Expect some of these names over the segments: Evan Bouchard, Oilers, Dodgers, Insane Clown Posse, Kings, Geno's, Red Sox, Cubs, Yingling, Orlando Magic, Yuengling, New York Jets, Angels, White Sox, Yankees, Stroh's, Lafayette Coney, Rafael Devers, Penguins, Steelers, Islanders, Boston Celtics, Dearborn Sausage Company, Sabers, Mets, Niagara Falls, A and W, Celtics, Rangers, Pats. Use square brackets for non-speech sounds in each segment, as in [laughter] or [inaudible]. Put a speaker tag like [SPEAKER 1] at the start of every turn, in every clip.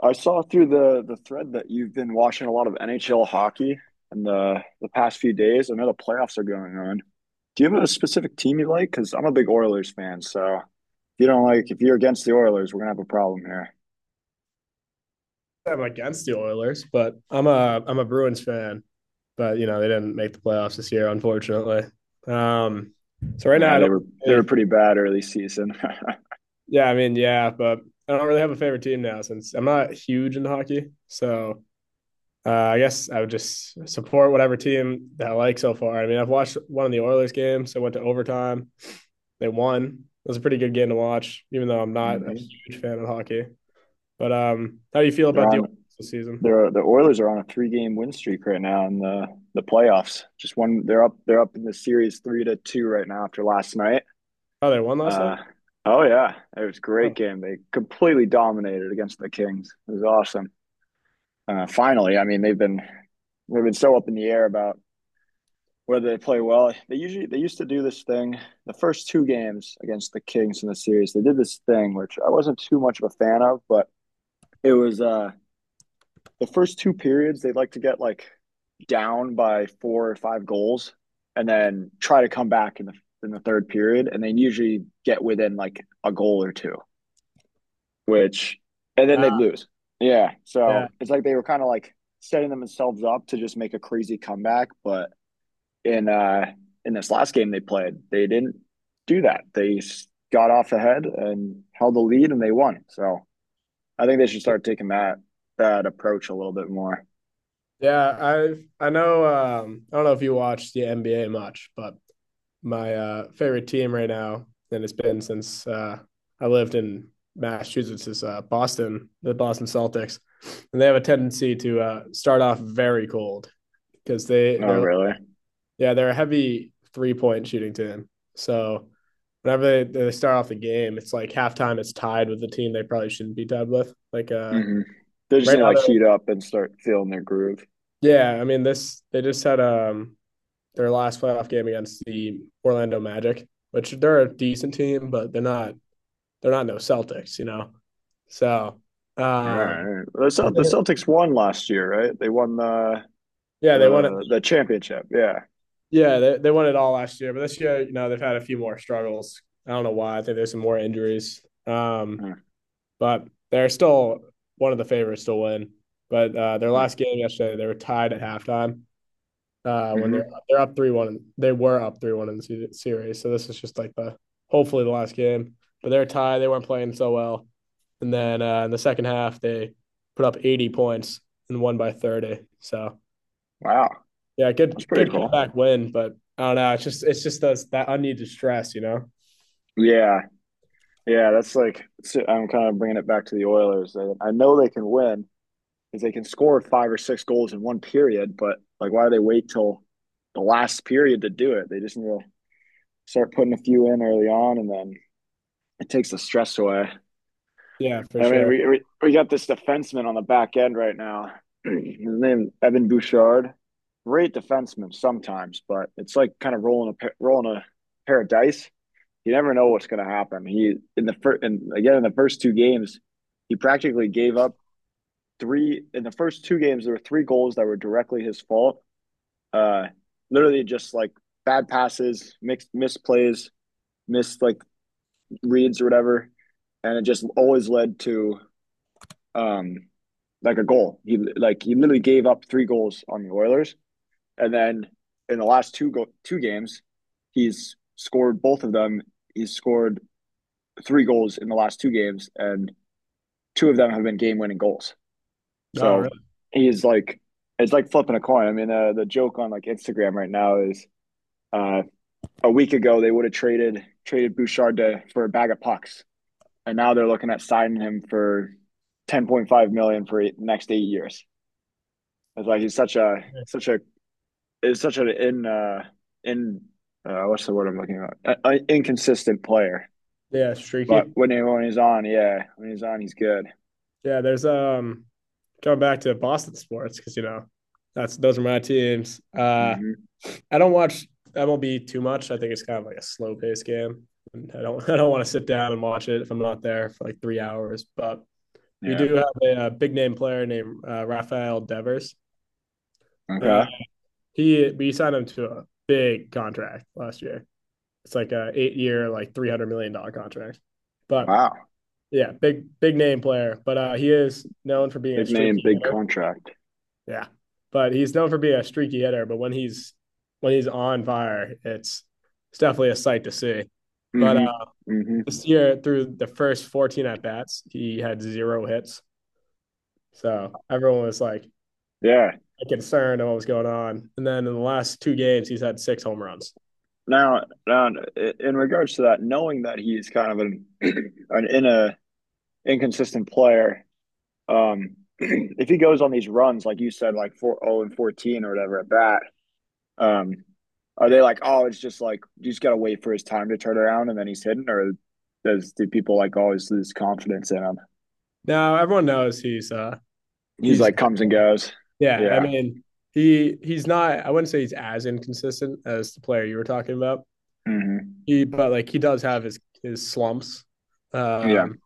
[SPEAKER 1] I saw through the thread that you've been watching a lot of NHL hockey in the past few days. I know the playoffs are going on. Do you have a specific team you like? Because I'm a big Oilers fan, so if you're against the Oilers, we're gonna have a problem here.
[SPEAKER 2] I'm against the Oilers, but I'm a Bruins fan. But you know they didn't make the playoffs this year, unfortunately. Um, so right
[SPEAKER 1] Yeah,
[SPEAKER 2] now I
[SPEAKER 1] they
[SPEAKER 2] don't.
[SPEAKER 1] were they were
[SPEAKER 2] Really,
[SPEAKER 1] pretty bad early season. [laughs]
[SPEAKER 2] yeah, I mean, yeah, but I don't really have a favorite team now since I'm not huge into hockey. So, I guess I would just support whatever team that I like so far. I mean, I've watched one of the Oilers games. I went to overtime. They won. It was a pretty good game to watch, even though I'm not a
[SPEAKER 1] Hmm.
[SPEAKER 2] huge fan of hockey. But, how do you feel
[SPEAKER 1] They're
[SPEAKER 2] about the
[SPEAKER 1] on,
[SPEAKER 2] Oilers this season?
[SPEAKER 1] they're the Oilers are on a three game win streak right now in the playoffs. Just one They're up, in the series three to two right now after last night.
[SPEAKER 2] Oh, they won last night.
[SPEAKER 1] Uh, oh yeah, it was a great
[SPEAKER 2] Oh,
[SPEAKER 1] game. They completely dominated against the Kings. It was awesome. Finally, I mean, they've been so up in the air about whether they play well. They used to do this thing. The first two games against the Kings in the series, they did this thing which I wasn't too much of a fan of, but it was the first two periods they'd like to get like down by four or five goals, and then try to come back in the third period, and they usually get within like a goal or two. Which And then they'd
[SPEAKER 2] uh,
[SPEAKER 1] lose. Yeah,
[SPEAKER 2] yeah.
[SPEAKER 1] so it's like they were kind of like setting themselves up to just make a crazy comeback, but in uh in this last game they played, they didn't do that. They got off ahead and held the lead and they won. So I think they should start taking that approach a little bit more.
[SPEAKER 2] Yeah, I know. I don't know if you watch the NBA much, but my favorite team right now, and it's been since I lived in Massachusetts, is Boston, the Boston Celtics, and they have a tendency to start off very cold because
[SPEAKER 1] No, really.
[SPEAKER 2] yeah, they're a heavy three point shooting team. So whenever they start off the game, it's like halftime. It's tied with the team they probably shouldn't be tied with. Like,
[SPEAKER 1] Hmm. They just
[SPEAKER 2] right
[SPEAKER 1] need to
[SPEAKER 2] now
[SPEAKER 1] like
[SPEAKER 2] they're,
[SPEAKER 1] heat up and start feeling their groove.
[SPEAKER 2] yeah. I mean this they just had their last playoff game against the Orlando Magic, which they're a decent team, but they're not no Celtics. So,
[SPEAKER 1] All
[SPEAKER 2] um
[SPEAKER 1] right. The Celtics won last year, right? They won the
[SPEAKER 2] yeah, they won it.
[SPEAKER 1] the the championship. Yeah.
[SPEAKER 2] Yeah, they won it all last year, but this year, they've had a few more struggles. I don't know why. I think there's some more injuries. But they're still one of the favorites to win. But, their
[SPEAKER 1] Mm-hmm.
[SPEAKER 2] last game yesterday, they were tied at halftime. When they're up 3-1. They were up 3-1 in the series, so this is just like the hopefully the last game. But they're tied. They weren't playing so well, and then, in the second half they put up 80 points and won by 30. So
[SPEAKER 1] Wow,
[SPEAKER 2] yeah, good
[SPEAKER 1] that's pretty
[SPEAKER 2] good
[SPEAKER 1] cool.
[SPEAKER 2] comeback win. But I don't know. It's just those, that unneeded stress.
[SPEAKER 1] Yeah, yeah, that's like, so I'm kind of bringing it back to the Oilers. I know they can win because they can score five or six goals in one period, but like, why do they wait till the last period to do it? They just need to start putting a few in early on, and then it takes the stress away.
[SPEAKER 2] Yeah, for
[SPEAKER 1] I mean,
[SPEAKER 2] sure.
[SPEAKER 1] we got this defenseman on the back end right now. [clears throat] His name Evan Bouchard, great defenseman sometimes, but it's like kind of rolling a pair of dice, you never know what's going to happen. He in the first and again in the first two games, he practically gave up three in the first two games. There were three goals that were directly his fault. Uh, Literally just like bad passes, mixed misplays, missed like reads or whatever, and it just always led to um like a goal. He literally gave up three goals on the Oilers, and then in the last two games, he's scored both of them. He's scored three goals in the last two games, and two of them have been game-winning goals.
[SPEAKER 2] Oh,
[SPEAKER 1] So
[SPEAKER 2] really?
[SPEAKER 1] he's like, it's like flipping a coin. I mean, the joke on like Instagram right now is uh, a week ago they would have traded Bouchard to, for a bag of pucks, and now they're looking at signing him for ten point five million dollars for the next 8 years. It's like he's such a is such an in what's the word I'm looking at? A inconsistent player.
[SPEAKER 2] Yeah,
[SPEAKER 1] But
[SPEAKER 2] streaky.
[SPEAKER 1] when he's on, yeah, when he's on, he's good.
[SPEAKER 2] Yeah, there's going back to Boston sports because you know that's those are my teams.
[SPEAKER 1] Mm-hmm.
[SPEAKER 2] I don't watch MLB too much. I think it's kind of like a slow paced game. And I don't [laughs] I don't want to sit down and watch it if I'm not there for like 3 hours. But we
[SPEAKER 1] Yeah.
[SPEAKER 2] do have a big name player named Rafael Devers, and
[SPEAKER 1] Okay.
[SPEAKER 2] he we signed him to a big contract last year. It's like a 8-year, like $300 million contract. But
[SPEAKER 1] Wow.
[SPEAKER 2] yeah, big name player, but he is known for being a
[SPEAKER 1] Big name,
[SPEAKER 2] streaky
[SPEAKER 1] big
[SPEAKER 2] hitter.
[SPEAKER 1] contract.
[SPEAKER 2] Yeah, but he's known for being a streaky hitter. But when he's on fire, it's definitely a sight to see. But,
[SPEAKER 1] Hmm. Hmm.
[SPEAKER 2] this year, through the first 14 at bats, he had zero hits. So everyone was like,
[SPEAKER 1] Yeah.
[SPEAKER 2] concerned of what was going on. And then in the last two games, he's had six home runs.
[SPEAKER 1] Now, now, in regards to that, knowing that he's kind of an [clears throat] an in a inconsistent player, [clears throat] if he goes on these runs, like you said, like four oh and 14 or whatever at bat, um, are they like, oh, it's just like you just gotta wait for his time to turn around and then he's hidden, or does do people like always lose confidence in him?
[SPEAKER 2] Now everyone knows he's uh
[SPEAKER 1] He's
[SPEAKER 2] he's
[SPEAKER 1] like, comes and goes.
[SPEAKER 2] Yeah, I
[SPEAKER 1] Yeah.
[SPEAKER 2] mean he's not. I wouldn't say he's as inconsistent as the player you were talking about,
[SPEAKER 1] Hmm.
[SPEAKER 2] he but like he does have his slumps.
[SPEAKER 1] Yeah.
[SPEAKER 2] Um,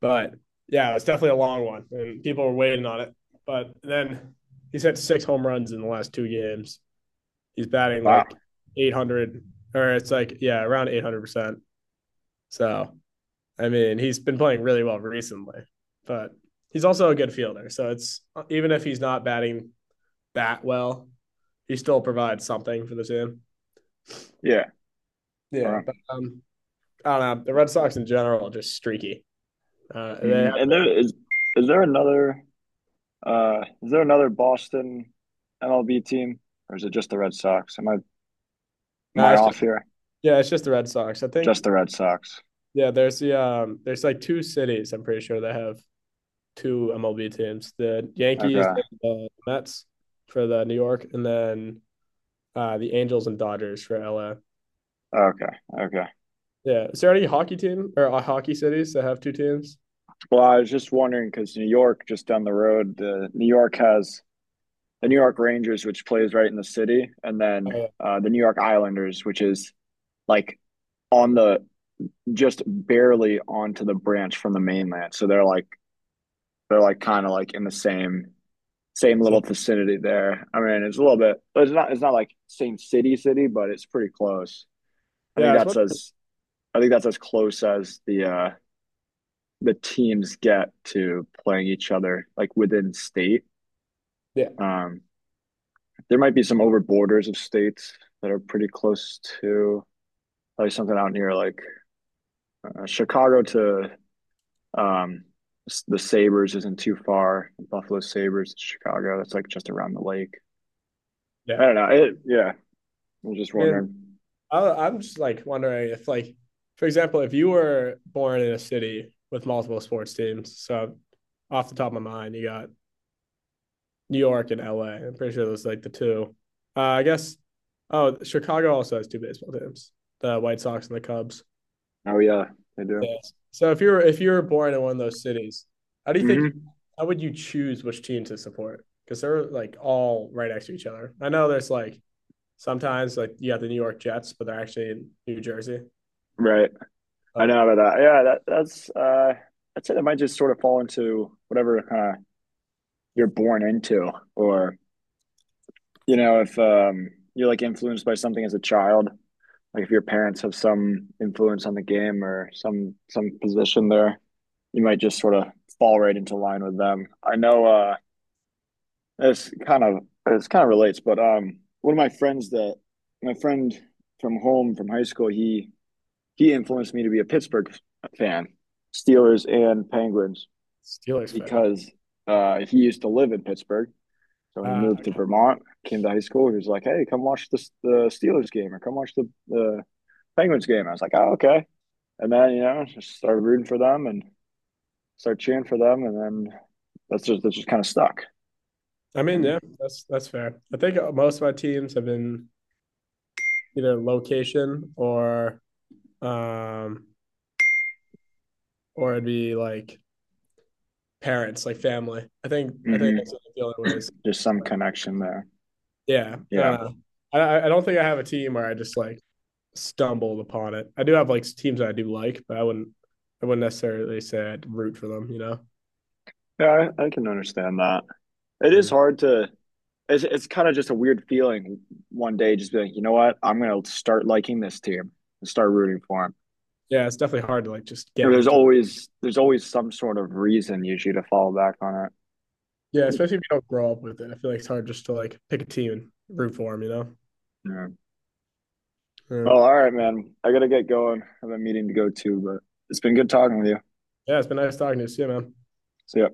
[SPEAKER 2] but yeah, it's definitely a long one, and people are waiting on it. But then he's had six home runs in the last two games. He's batting
[SPEAKER 1] Wow.
[SPEAKER 2] like 800, or it's like yeah, around 800%. So I mean, he's been playing really well recently, but he's also a good fielder. So it's even if he's not batting that well, he still provides something for the team.
[SPEAKER 1] Yeah. All
[SPEAKER 2] Yeah,
[SPEAKER 1] right.
[SPEAKER 2] but, I don't know. The Red Sox in general are just streaky. They
[SPEAKER 1] Mhm. And there is there another is there another Boston MLB team or is it just the Red Sox? Am I
[SPEAKER 2] Nah, it's
[SPEAKER 1] off
[SPEAKER 2] just
[SPEAKER 1] here?
[SPEAKER 2] yeah, it's just the Red Sox. I think
[SPEAKER 1] Just the Red Sox.
[SPEAKER 2] yeah, there's like two cities I'm pretty sure that have two MLB teams. The Yankees
[SPEAKER 1] Okay.
[SPEAKER 2] and the Mets for the New York, and then the Angels and Dodgers for LA.
[SPEAKER 1] Okay. Okay.
[SPEAKER 2] Yeah. Is there any hockey team or, hockey cities that have two teams?
[SPEAKER 1] Well, I was just wondering because New York, just down the road, the New York has the New York Rangers, which plays right in the city, and then
[SPEAKER 2] Uh,
[SPEAKER 1] the New York Islanders, which is like on the, just barely onto the branch from the mainland. So they're like kind of like in the same little
[SPEAKER 2] so,
[SPEAKER 1] vicinity there. I mean, it's a little bit. It's not. It's not like same city, city, but it's pretty close. I
[SPEAKER 2] yeah,
[SPEAKER 1] think
[SPEAKER 2] I was
[SPEAKER 1] that's
[SPEAKER 2] wondering.
[SPEAKER 1] as. I think that's as close as the teams get to playing each other, like within state.
[SPEAKER 2] Yeah,
[SPEAKER 1] Um, there might be some over borders of states that are pretty close to like something out near like Chicago to um, the Sabers isn't too far. Buffalo Sabers, Chicago. That's like just around the lake.
[SPEAKER 2] yeah.
[SPEAKER 1] I don't know. It, yeah, I was just
[SPEAKER 2] I mean,
[SPEAKER 1] wondering.
[SPEAKER 2] I'm just like wondering if like for example, if you were born in a city with multiple sports teams, so off the top of my mind, you got New York and L. am pretty sure those are like the two. I guess. Oh, Chicago also has two baseball teams: the White Sox and the Cubs.
[SPEAKER 1] Oh yeah, they do.
[SPEAKER 2] Yes. So if you were born in one of those cities, how do you think?
[SPEAKER 1] Hmm.
[SPEAKER 2] How would you choose which team to support? Because they're like all right next to each other. I know there's like sometimes like you have the New York Jets, but they're actually in New Jersey.
[SPEAKER 1] Right. I
[SPEAKER 2] But
[SPEAKER 1] know about that. Yeah, that that's uh, I'd say that might just sort of fall into whatever kind of you're born into, or you know, if you're like influenced by something as a child, like if your parents have some influence on the game or some position there, you might just sort of fall right into line with them. I know uh, this kind of this kind of relates, but um, one of my friends that my friend from home from high school, he influenced me to be a Pittsburgh fan, Steelers and Penguins,
[SPEAKER 2] Steelers fan.
[SPEAKER 1] because he used to live in Pittsburgh. So when he
[SPEAKER 2] Uh,
[SPEAKER 1] moved to Vermont, came to high school, he was like, "Hey, come watch this, the Steelers game, or come watch the Penguins game." I was like, "Oh, okay." And then, you know, just started rooting for them and start cheering for them, and then that's just kind of stuck.
[SPEAKER 2] I mean,
[SPEAKER 1] Mm-hmm.
[SPEAKER 2] yeah, that's fair. I think most of my teams have been either location or, um, it'd be like parents, like family. I think
[SPEAKER 1] Mm-hmm.
[SPEAKER 2] that's the only way. Is
[SPEAKER 1] Just some
[SPEAKER 2] like,
[SPEAKER 1] connection there.
[SPEAKER 2] yeah, I
[SPEAKER 1] Yeah,
[SPEAKER 2] don't know. Don't think I have a team where I just like stumbled upon it. I do have like teams that I do like, but I wouldn't necessarily say I'd root for them.
[SPEAKER 1] yeah, I can understand that. It is
[SPEAKER 2] Yeah.
[SPEAKER 1] hard to. It's kind of just a weird feeling one day, just being, you know what, I'm gonna start liking this team and start rooting for them.
[SPEAKER 2] Yeah, it's definitely hard to like just
[SPEAKER 1] You
[SPEAKER 2] get
[SPEAKER 1] know,
[SPEAKER 2] into it.
[SPEAKER 1] there's always some sort of reason usually to fall back on
[SPEAKER 2] Yeah,
[SPEAKER 1] it.
[SPEAKER 2] especially if you don't grow up with it. I feel like it's hard just to like pick a team and root for them.
[SPEAKER 1] Yeah.
[SPEAKER 2] Yeah.
[SPEAKER 1] Well, all right, man. I gotta get going. I have a meeting to go to, but it's been good talking with you.
[SPEAKER 2] Yeah, it's been nice talking to you. See you, man.
[SPEAKER 1] See ya.